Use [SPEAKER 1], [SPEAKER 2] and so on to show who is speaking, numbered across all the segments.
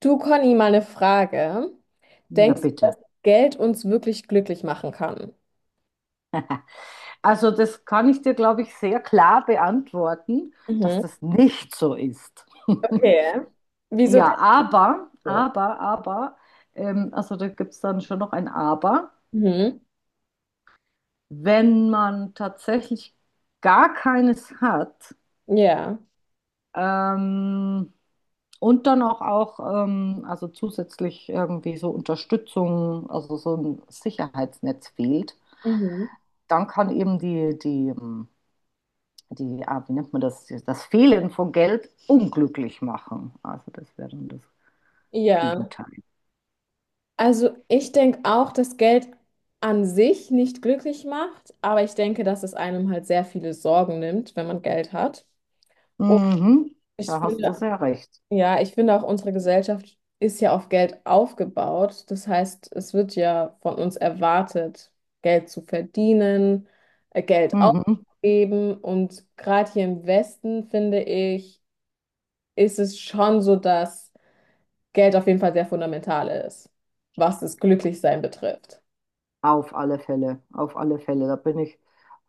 [SPEAKER 1] Du, Conny, mal eine Frage.
[SPEAKER 2] Ja,
[SPEAKER 1] Denkst du,
[SPEAKER 2] bitte.
[SPEAKER 1] dass Geld uns wirklich glücklich machen kann?
[SPEAKER 2] Also das kann ich dir, glaube ich, sehr klar beantworten, dass
[SPEAKER 1] Mhm.
[SPEAKER 2] das nicht so ist.
[SPEAKER 1] Okay. Wieso
[SPEAKER 2] Ja,
[SPEAKER 1] denkst
[SPEAKER 2] aber,
[SPEAKER 1] du?
[SPEAKER 2] aber, aber, ähm, also da gibt es dann schon noch ein Aber.
[SPEAKER 1] Mhm.
[SPEAKER 2] Wenn man tatsächlich gar keines hat,
[SPEAKER 1] Ja.
[SPEAKER 2] ähm, und dann auch also zusätzlich irgendwie so Unterstützung, also so ein Sicherheitsnetz fehlt,
[SPEAKER 1] Mhm.
[SPEAKER 2] dann kann eben die, wie nennt man das, das Fehlen von Geld unglücklich machen. Also das wäre dann das
[SPEAKER 1] Ja.
[SPEAKER 2] Gegenteil.
[SPEAKER 1] Also ich denke auch, dass Geld an sich nicht glücklich macht, aber ich denke, dass es einem halt sehr viele Sorgen nimmt, wenn man Geld hat. Und
[SPEAKER 2] Mhm,
[SPEAKER 1] ich
[SPEAKER 2] da hast du
[SPEAKER 1] finde.
[SPEAKER 2] sehr recht.
[SPEAKER 1] Ja, ich finde auch, unsere Gesellschaft ist ja auf Geld aufgebaut. Das heißt, es wird ja von uns erwartet, Geld zu verdienen, Geld
[SPEAKER 2] Mhm.
[SPEAKER 1] auszugeben. Und gerade hier im Westen, finde ich, ist es schon so, dass Geld auf jeden Fall sehr fundamental ist, was das Glücklichsein betrifft.
[SPEAKER 2] Auf alle Fälle, auf alle Fälle. Da bin ich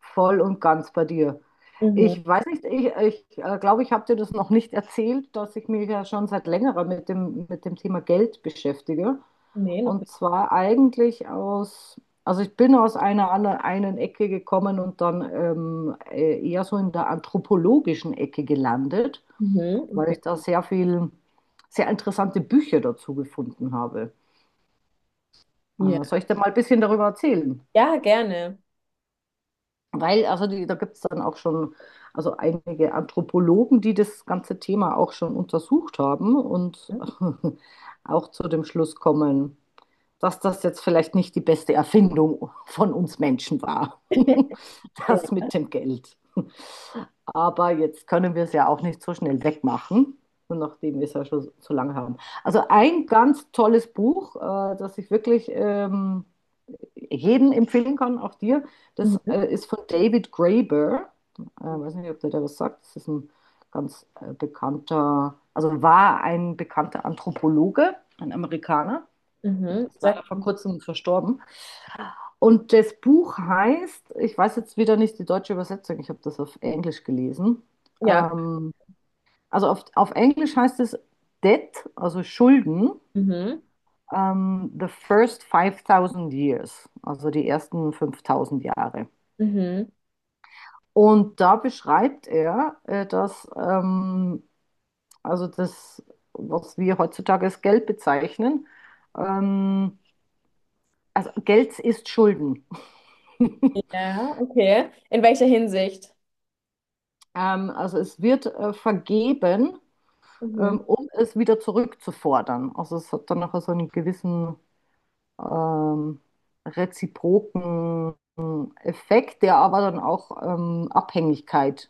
[SPEAKER 2] voll und ganz bei dir.
[SPEAKER 1] Mhm.
[SPEAKER 2] Ich weiß nicht, ich glaube, ich habe dir das noch nicht erzählt, dass ich mich ja schon seit längerer mit dem Thema Geld beschäftige.
[SPEAKER 1] Nee, noch
[SPEAKER 2] Und
[SPEAKER 1] nicht.
[SPEAKER 2] zwar eigentlich also ich bin aus einer anderen einen Ecke gekommen und dann eher so in der anthropologischen Ecke gelandet,
[SPEAKER 1] Mhm,
[SPEAKER 2] weil
[SPEAKER 1] okay.
[SPEAKER 2] ich da sehr interessante Bücher dazu gefunden habe.
[SPEAKER 1] Ja.
[SPEAKER 2] Soll ich dir mal ein bisschen darüber erzählen?
[SPEAKER 1] Ja, gerne.
[SPEAKER 2] Weil, also da gibt es dann auch schon, also einige Anthropologen, die das ganze Thema auch schon untersucht haben und auch zu dem Schluss kommen, dass das jetzt vielleicht nicht die beste Erfindung von uns Menschen war, das
[SPEAKER 1] Ja.
[SPEAKER 2] mit dem Geld. Aber jetzt können wir es ja auch nicht so schnell wegmachen, nachdem wir es ja schon so lange haben. Also ein ganz tolles Buch, das ich wirklich jedem empfehlen kann, auch dir. Das
[SPEAKER 1] Mhm.
[SPEAKER 2] ist von David Graeber. Ich weiß nicht, ob der da was sagt. Das ist ein ganz bekannter, also war ein bekannter Anthropologe, ein Amerikaner.
[SPEAKER 1] Mhm.
[SPEAKER 2] Ist leider
[SPEAKER 1] Sag,
[SPEAKER 2] vor kurzem verstorben. Und das Buch heißt, ich weiß jetzt wieder nicht die deutsche Übersetzung, ich habe das auf Englisch gelesen.
[SPEAKER 1] ja.
[SPEAKER 2] Ähm, also auf Englisch heißt es Debt, also Schulden,
[SPEAKER 1] Mhm.
[SPEAKER 2] the first 5000 years, also die ersten 5.000 Jahre.
[SPEAKER 1] Mhm.
[SPEAKER 2] Und da beschreibt er, dass also das, was wir heutzutage als Geld bezeichnen, ähm, also Geld ist Schulden.
[SPEAKER 1] Ja, okay. In welcher Hinsicht?
[SPEAKER 2] Also es wird vergeben,
[SPEAKER 1] Mhm.
[SPEAKER 2] um es wieder zurückzufordern. Also es hat dann nachher so einen gewissen ähm, reziproken Effekt, der aber dann auch Abhängigkeit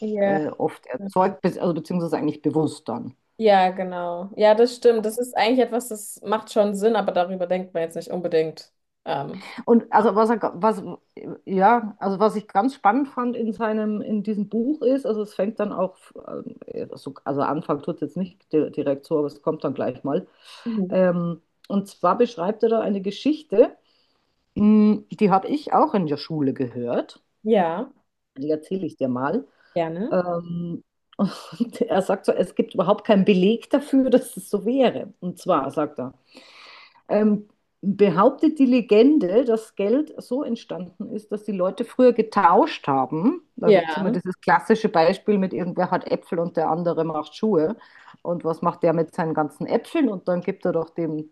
[SPEAKER 1] Ja.
[SPEAKER 2] oft
[SPEAKER 1] Mhm.
[SPEAKER 2] erzeugt, be also beziehungsweise eigentlich bewusst dann.
[SPEAKER 1] Ja, genau. Ja, das stimmt. Das ist eigentlich etwas, das macht schon Sinn, aber darüber denkt man jetzt nicht unbedingt. Ähm,
[SPEAKER 2] Und also was er, ga- was, ja, also was ich ganz spannend fand in diesem Buch ist, also es fängt dann auch, also Anfang tut es jetzt nicht direkt so, aber es kommt dann gleich mal.
[SPEAKER 1] Mhm.
[SPEAKER 2] Ähm, und zwar beschreibt er da eine Geschichte, die habe ich auch in der Schule gehört.
[SPEAKER 1] Ja,
[SPEAKER 2] Die erzähle ich dir mal.
[SPEAKER 1] gerne.
[SPEAKER 2] Ähm, und er sagt so, es gibt überhaupt keinen Beleg dafür, dass es so wäre. Und zwar sagt er, ähm, behauptet die Legende, dass Geld so entstanden ist, dass die Leute früher getauscht haben. Da gibt es immer
[SPEAKER 1] Ja.
[SPEAKER 2] dieses klassische Beispiel mit irgendwer hat Äpfel und der andere macht Schuhe. Und was macht der mit seinen ganzen Äpfeln? Und dann gibt er doch dem,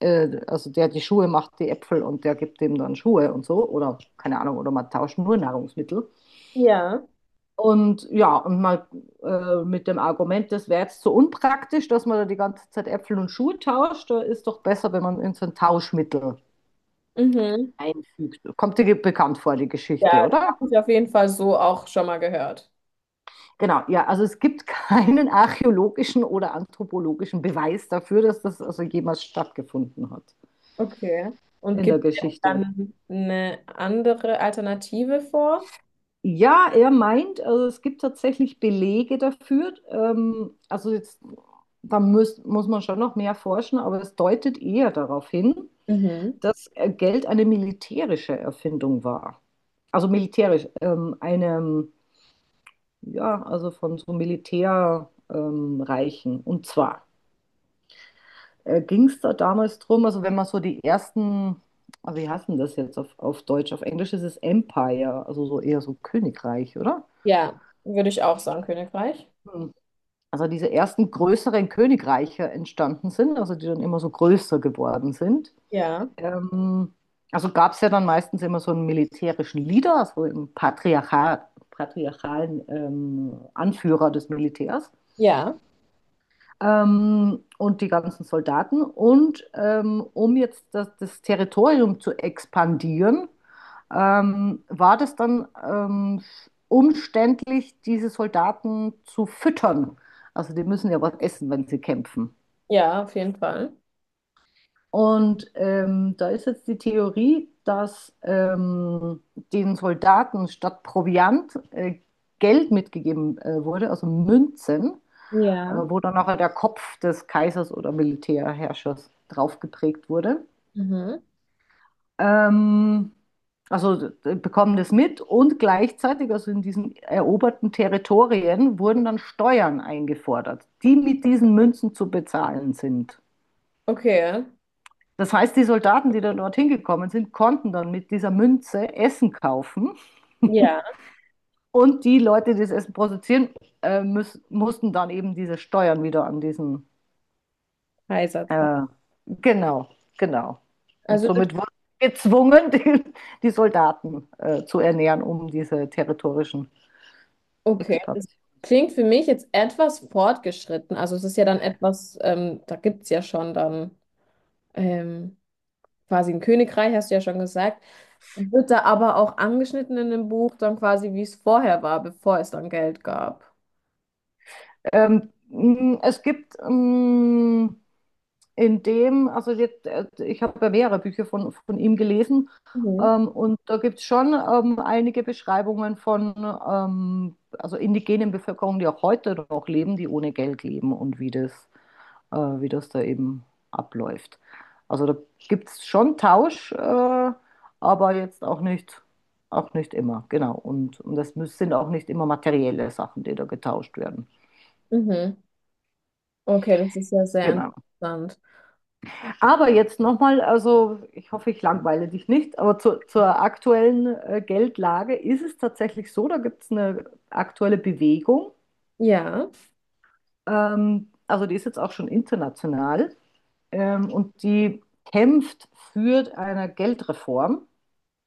[SPEAKER 2] also der die Schuhe macht, die Äpfel und der gibt dem dann Schuhe und so. Oder keine Ahnung, oder man tauscht nur Nahrungsmittel.
[SPEAKER 1] Ja.
[SPEAKER 2] Und ja, und mal mit dem Argument, das wäre jetzt so unpraktisch, dass man da die ganze Zeit Äpfel und Schuhe tauscht, da ist doch besser, wenn man in so ein Tauschmittel
[SPEAKER 1] Mhm.
[SPEAKER 2] einfügt. Kommt dir bekannt vor, die
[SPEAKER 1] Ja,
[SPEAKER 2] Geschichte,
[SPEAKER 1] das
[SPEAKER 2] oder?
[SPEAKER 1] habe ich auf jeden Fall so auch schon mal gehört.
[SPEAKER 2] Genau, ja, also es gibt keinen archäologischen oder anthropologischen Beweis dafür, dass das also jemals stattgefunden hat
[SPEAKER 1] Okay. Und
[SPEAKER 2] in der
[SPEAKER 1] gibt es
[SPEAKER 2] Geschichte.
[SPEAKER 1] dann eine andere Alternative vor?
[SPEAKER 2] Ja, er meint, also es gibt tatsächlich Belege dafür. Also jetzt, da muss man schon noch mehr forschen, aber es deutet eher darauf hin,
[SPEAKER 1] Mhm.
[SPEAKER 2] dass Geld eine militärische Erfindung war. Also militärisch, eine. Ja, also von so Militärreichen. Reichen. Und zwar ging es da damals drum, also wenn man so die ersten, also wie heißt denn das jetzt auf, Deutsch? Auf Englisch ist es Empire, also so eher so Königreich, oder?
[SPEAKER 1] Ja, würde ich auch sagen, Königreich.
[SPEAKER 2] Hm. Also diese ersten größeren Königreiche entstanden sind, also die dann immer so größer geworden sind.
[SPEAKER 1] Ja.
[SPEAKER 2] Ähm, also gab es ja dann meistens immer so einen militärischen Leader, also einen Patriarchat, patriarchalen Anführer des Militärs.
[SPEAKER 1] Ja.
[SPEAKER 2] Und die ganzen Soldaten. Und um jetzt das Territorium zu expandieren, war das dann umständlich, diese Soldaten zu füttern. Also die müssen ja was essen, wenn sie kämpfen.
[SPEAKER 1] Ja, auf jeden Fall.
[SPEAKER 2] Und da ist jetzt die Theorie, dass den Soldaten statt Proviant Geld mitgegeben wurde, also Münzen,
[SPEAKER 1] Ja.
[SPEAKER 2] wo dann nachher der Kopf des Kaisers oder Militärherrschers drauf geprägt wurde.
[SPEAKER 1] Mhm.
[SPEAKER 2] Ähm, also bekommen das mit und gleichzeitig, also in diesen eroberten Territorien, wurden dann Steuern eingefordert, die mit diesen Münzen zu bezahlen sind.
[SPEAKER 1] Okay.
[SPEAKER 2] Das heißt, die Soldaten, die dann dorthin gekommen sind, konnten dann mit dieser Münze Essen kaufen
[SPEAKER 1] Ja,
[SPEAKER 2] und die Leute, die das Essen produzieren, mussten dann eben diese Steuern wieder an diesen.
[SPEAKER 1] Kaiserzeit.
[SPEAKER 2] Äh, genau, genau. Und
[SPEAKER 1] Also das,
[SPEAKER 2] somit wurden sie gezwungen, die Soldaten zu ernähren, um diese territorischen
[SPEAKER 1] okay, das
[SPEAKER 2] Expansionen.
[SPEAKER 1] klingt für mich jetzt etwas fortgeschritten. Also es ist ja dann etwas, da gibt es ja schon dann ähm, quasi ein Königreich, hast du ja schon gesagt. Wird da aber auch angeschnitten in dem Buch dann quasi, wie es vorher war, bevor es dann Geld gab.
[SPEAKER 2] Es gibt in dem, also jetzt, ich habe ja mehrere Bücher von ihm gelesen,
[SPEAKER 1] Mhm.
[SPEAKER 2] und da gibt es schon einige Beschreibungen von also indigenen Bevölkerungen, die auch heute noch leben, die ohne Geld leben und wie das da eben abläuft. Also da gibt es schon Tausch, aber jetzt auch nicht immer, genau. Und das sind auch nicht immer materielle Sachen, die da getauscht werden.
[SPEAKER 1] Mhm. Okay, das ist ja sehr
[SPEAKER 2] Genau.
[SPEAKER 1] interessant.
[SPEAKER 2] Aber jetzt nochmal, also ich hoffe, ich langweile dich nicht, aber zur aktuellen Geldlage ist es tatsächlich so, da gibt es eine aktuelle Bewegung,
[SPEAKER 1] Ja,
[SPEAKER 2] also die ist jetzt auch schon international, und die kämpft für eine Geldreform.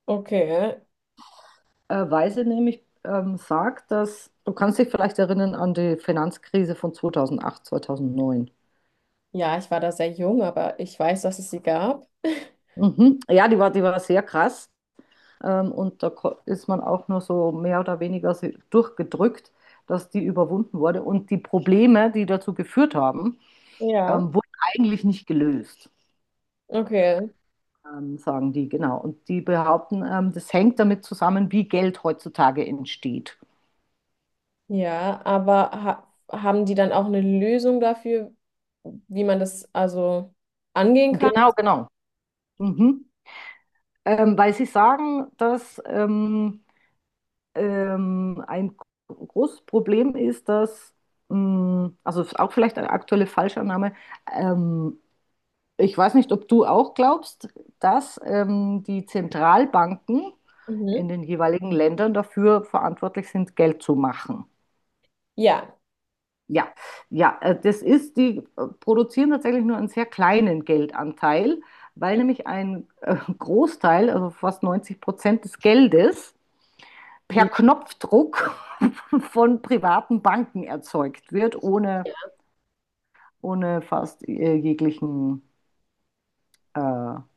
[SPEAKER 1] okay.
[SPEAKER 2] Weise nämlich sagt, dass du kannst dich vielleicht erinnern an die Finanzkrise von 2008 2009.
[SPEAKER 1] Ja, ich war da sehr jung, aber ich weiß, dass es sie gab.
[SPEAKER 2] Mhm. Ja, die war sehr krass. Und da ist man auch nur so mehr oder weniger so durchgedrückt, dass die überwunden wurde. Und die Probleme, die dazu geführt haben,
[SPEAKER 1] Ja.
[SPEAKER 2] wurden eigentlich nicht gelöst,
[SPEAKER 1] Okay.
[SPEAKER 2] sagen die, genau. Und die behaupten, das hängt damit zusammen, wie Geld heutzutage entsteht.
[SPEAKER 1] Ja, aber ha haben die dann auch eine Lösung dafür, wie man das also angehen kann?
[SPEAKER 2] Genau, genau. Mhm. Weil sie sagen, dass ein großes Problem ist, dass, also auch vielleicht eine aktuelle Falschannahme, ähm, ich weiß nicht, ob du auch glaubst, dass die Zentralbanken
[SPEAKER 1] Mhm.
[SPEAKER 2] in den jeweiligen Ländern dafür verantwortlich sind, Geld zu machen.
[SPEAKER 1] Ja.
[SPEAKER 2] Ja, ja, die produzieren tatsächlich nur einen sehr kleinen Geldanteil, weil nämlich ein Großteil, also fast 90% des Geldes per
[SPEAKER 1] Die.
[SPEAKER 2] Knopfdruck von privaten Banken erzeugt wird, ohne fast jeglichen,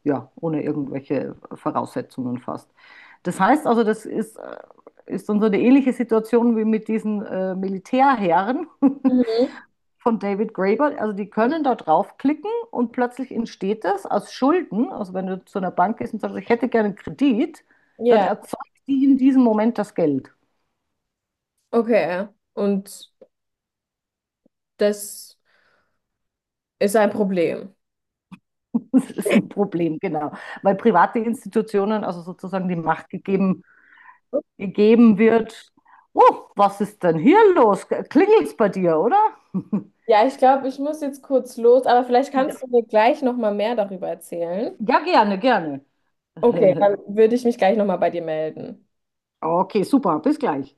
[SPEAKER 2] ja, ohne irgendwelche Voraussetzungen fast. Das heißt also, ist dann so eine ähnliche Situation wie mit diesen Militärherren
[SPEAKER 1] Mhm.
[SPEAKER 2] von David Graeber. Also die können da draufklicken und plötzlich entsteht das aus Schulden. Also wenn du zu einer Bank gehst und sagst, ich hätte gerne einen Kredit, dann
[SPEAKER 1] Ja.
[SPEAKER 2] erzeugt die in diesem Moment das Geld.
[SPEAKER 1] Okay. Und das ist ein Problem.
[SPEAKER 2] Das ist ein Problem, genau. Weil private Institutionen, also sozusagen die Macht gegeben wird. Oh, was ist denn hier los? Klingelt's bei dir, oder?
[SPEAKER 1] Ja, ich glaube, ich muss jetzt kurz los, aber vielleicht
[SPEAKER 2] Ja.
[SPEAKER 1] kannst du mir gleich noch mal mehr darüber erzählen.
[SPEAKER 2] Ja, gerne, gerne.
[SPEAKER 1] Okay, dann würde ich mich gleich noch mal bei dir melden.
[SPEAKER 2] Okay, super, bis gleich.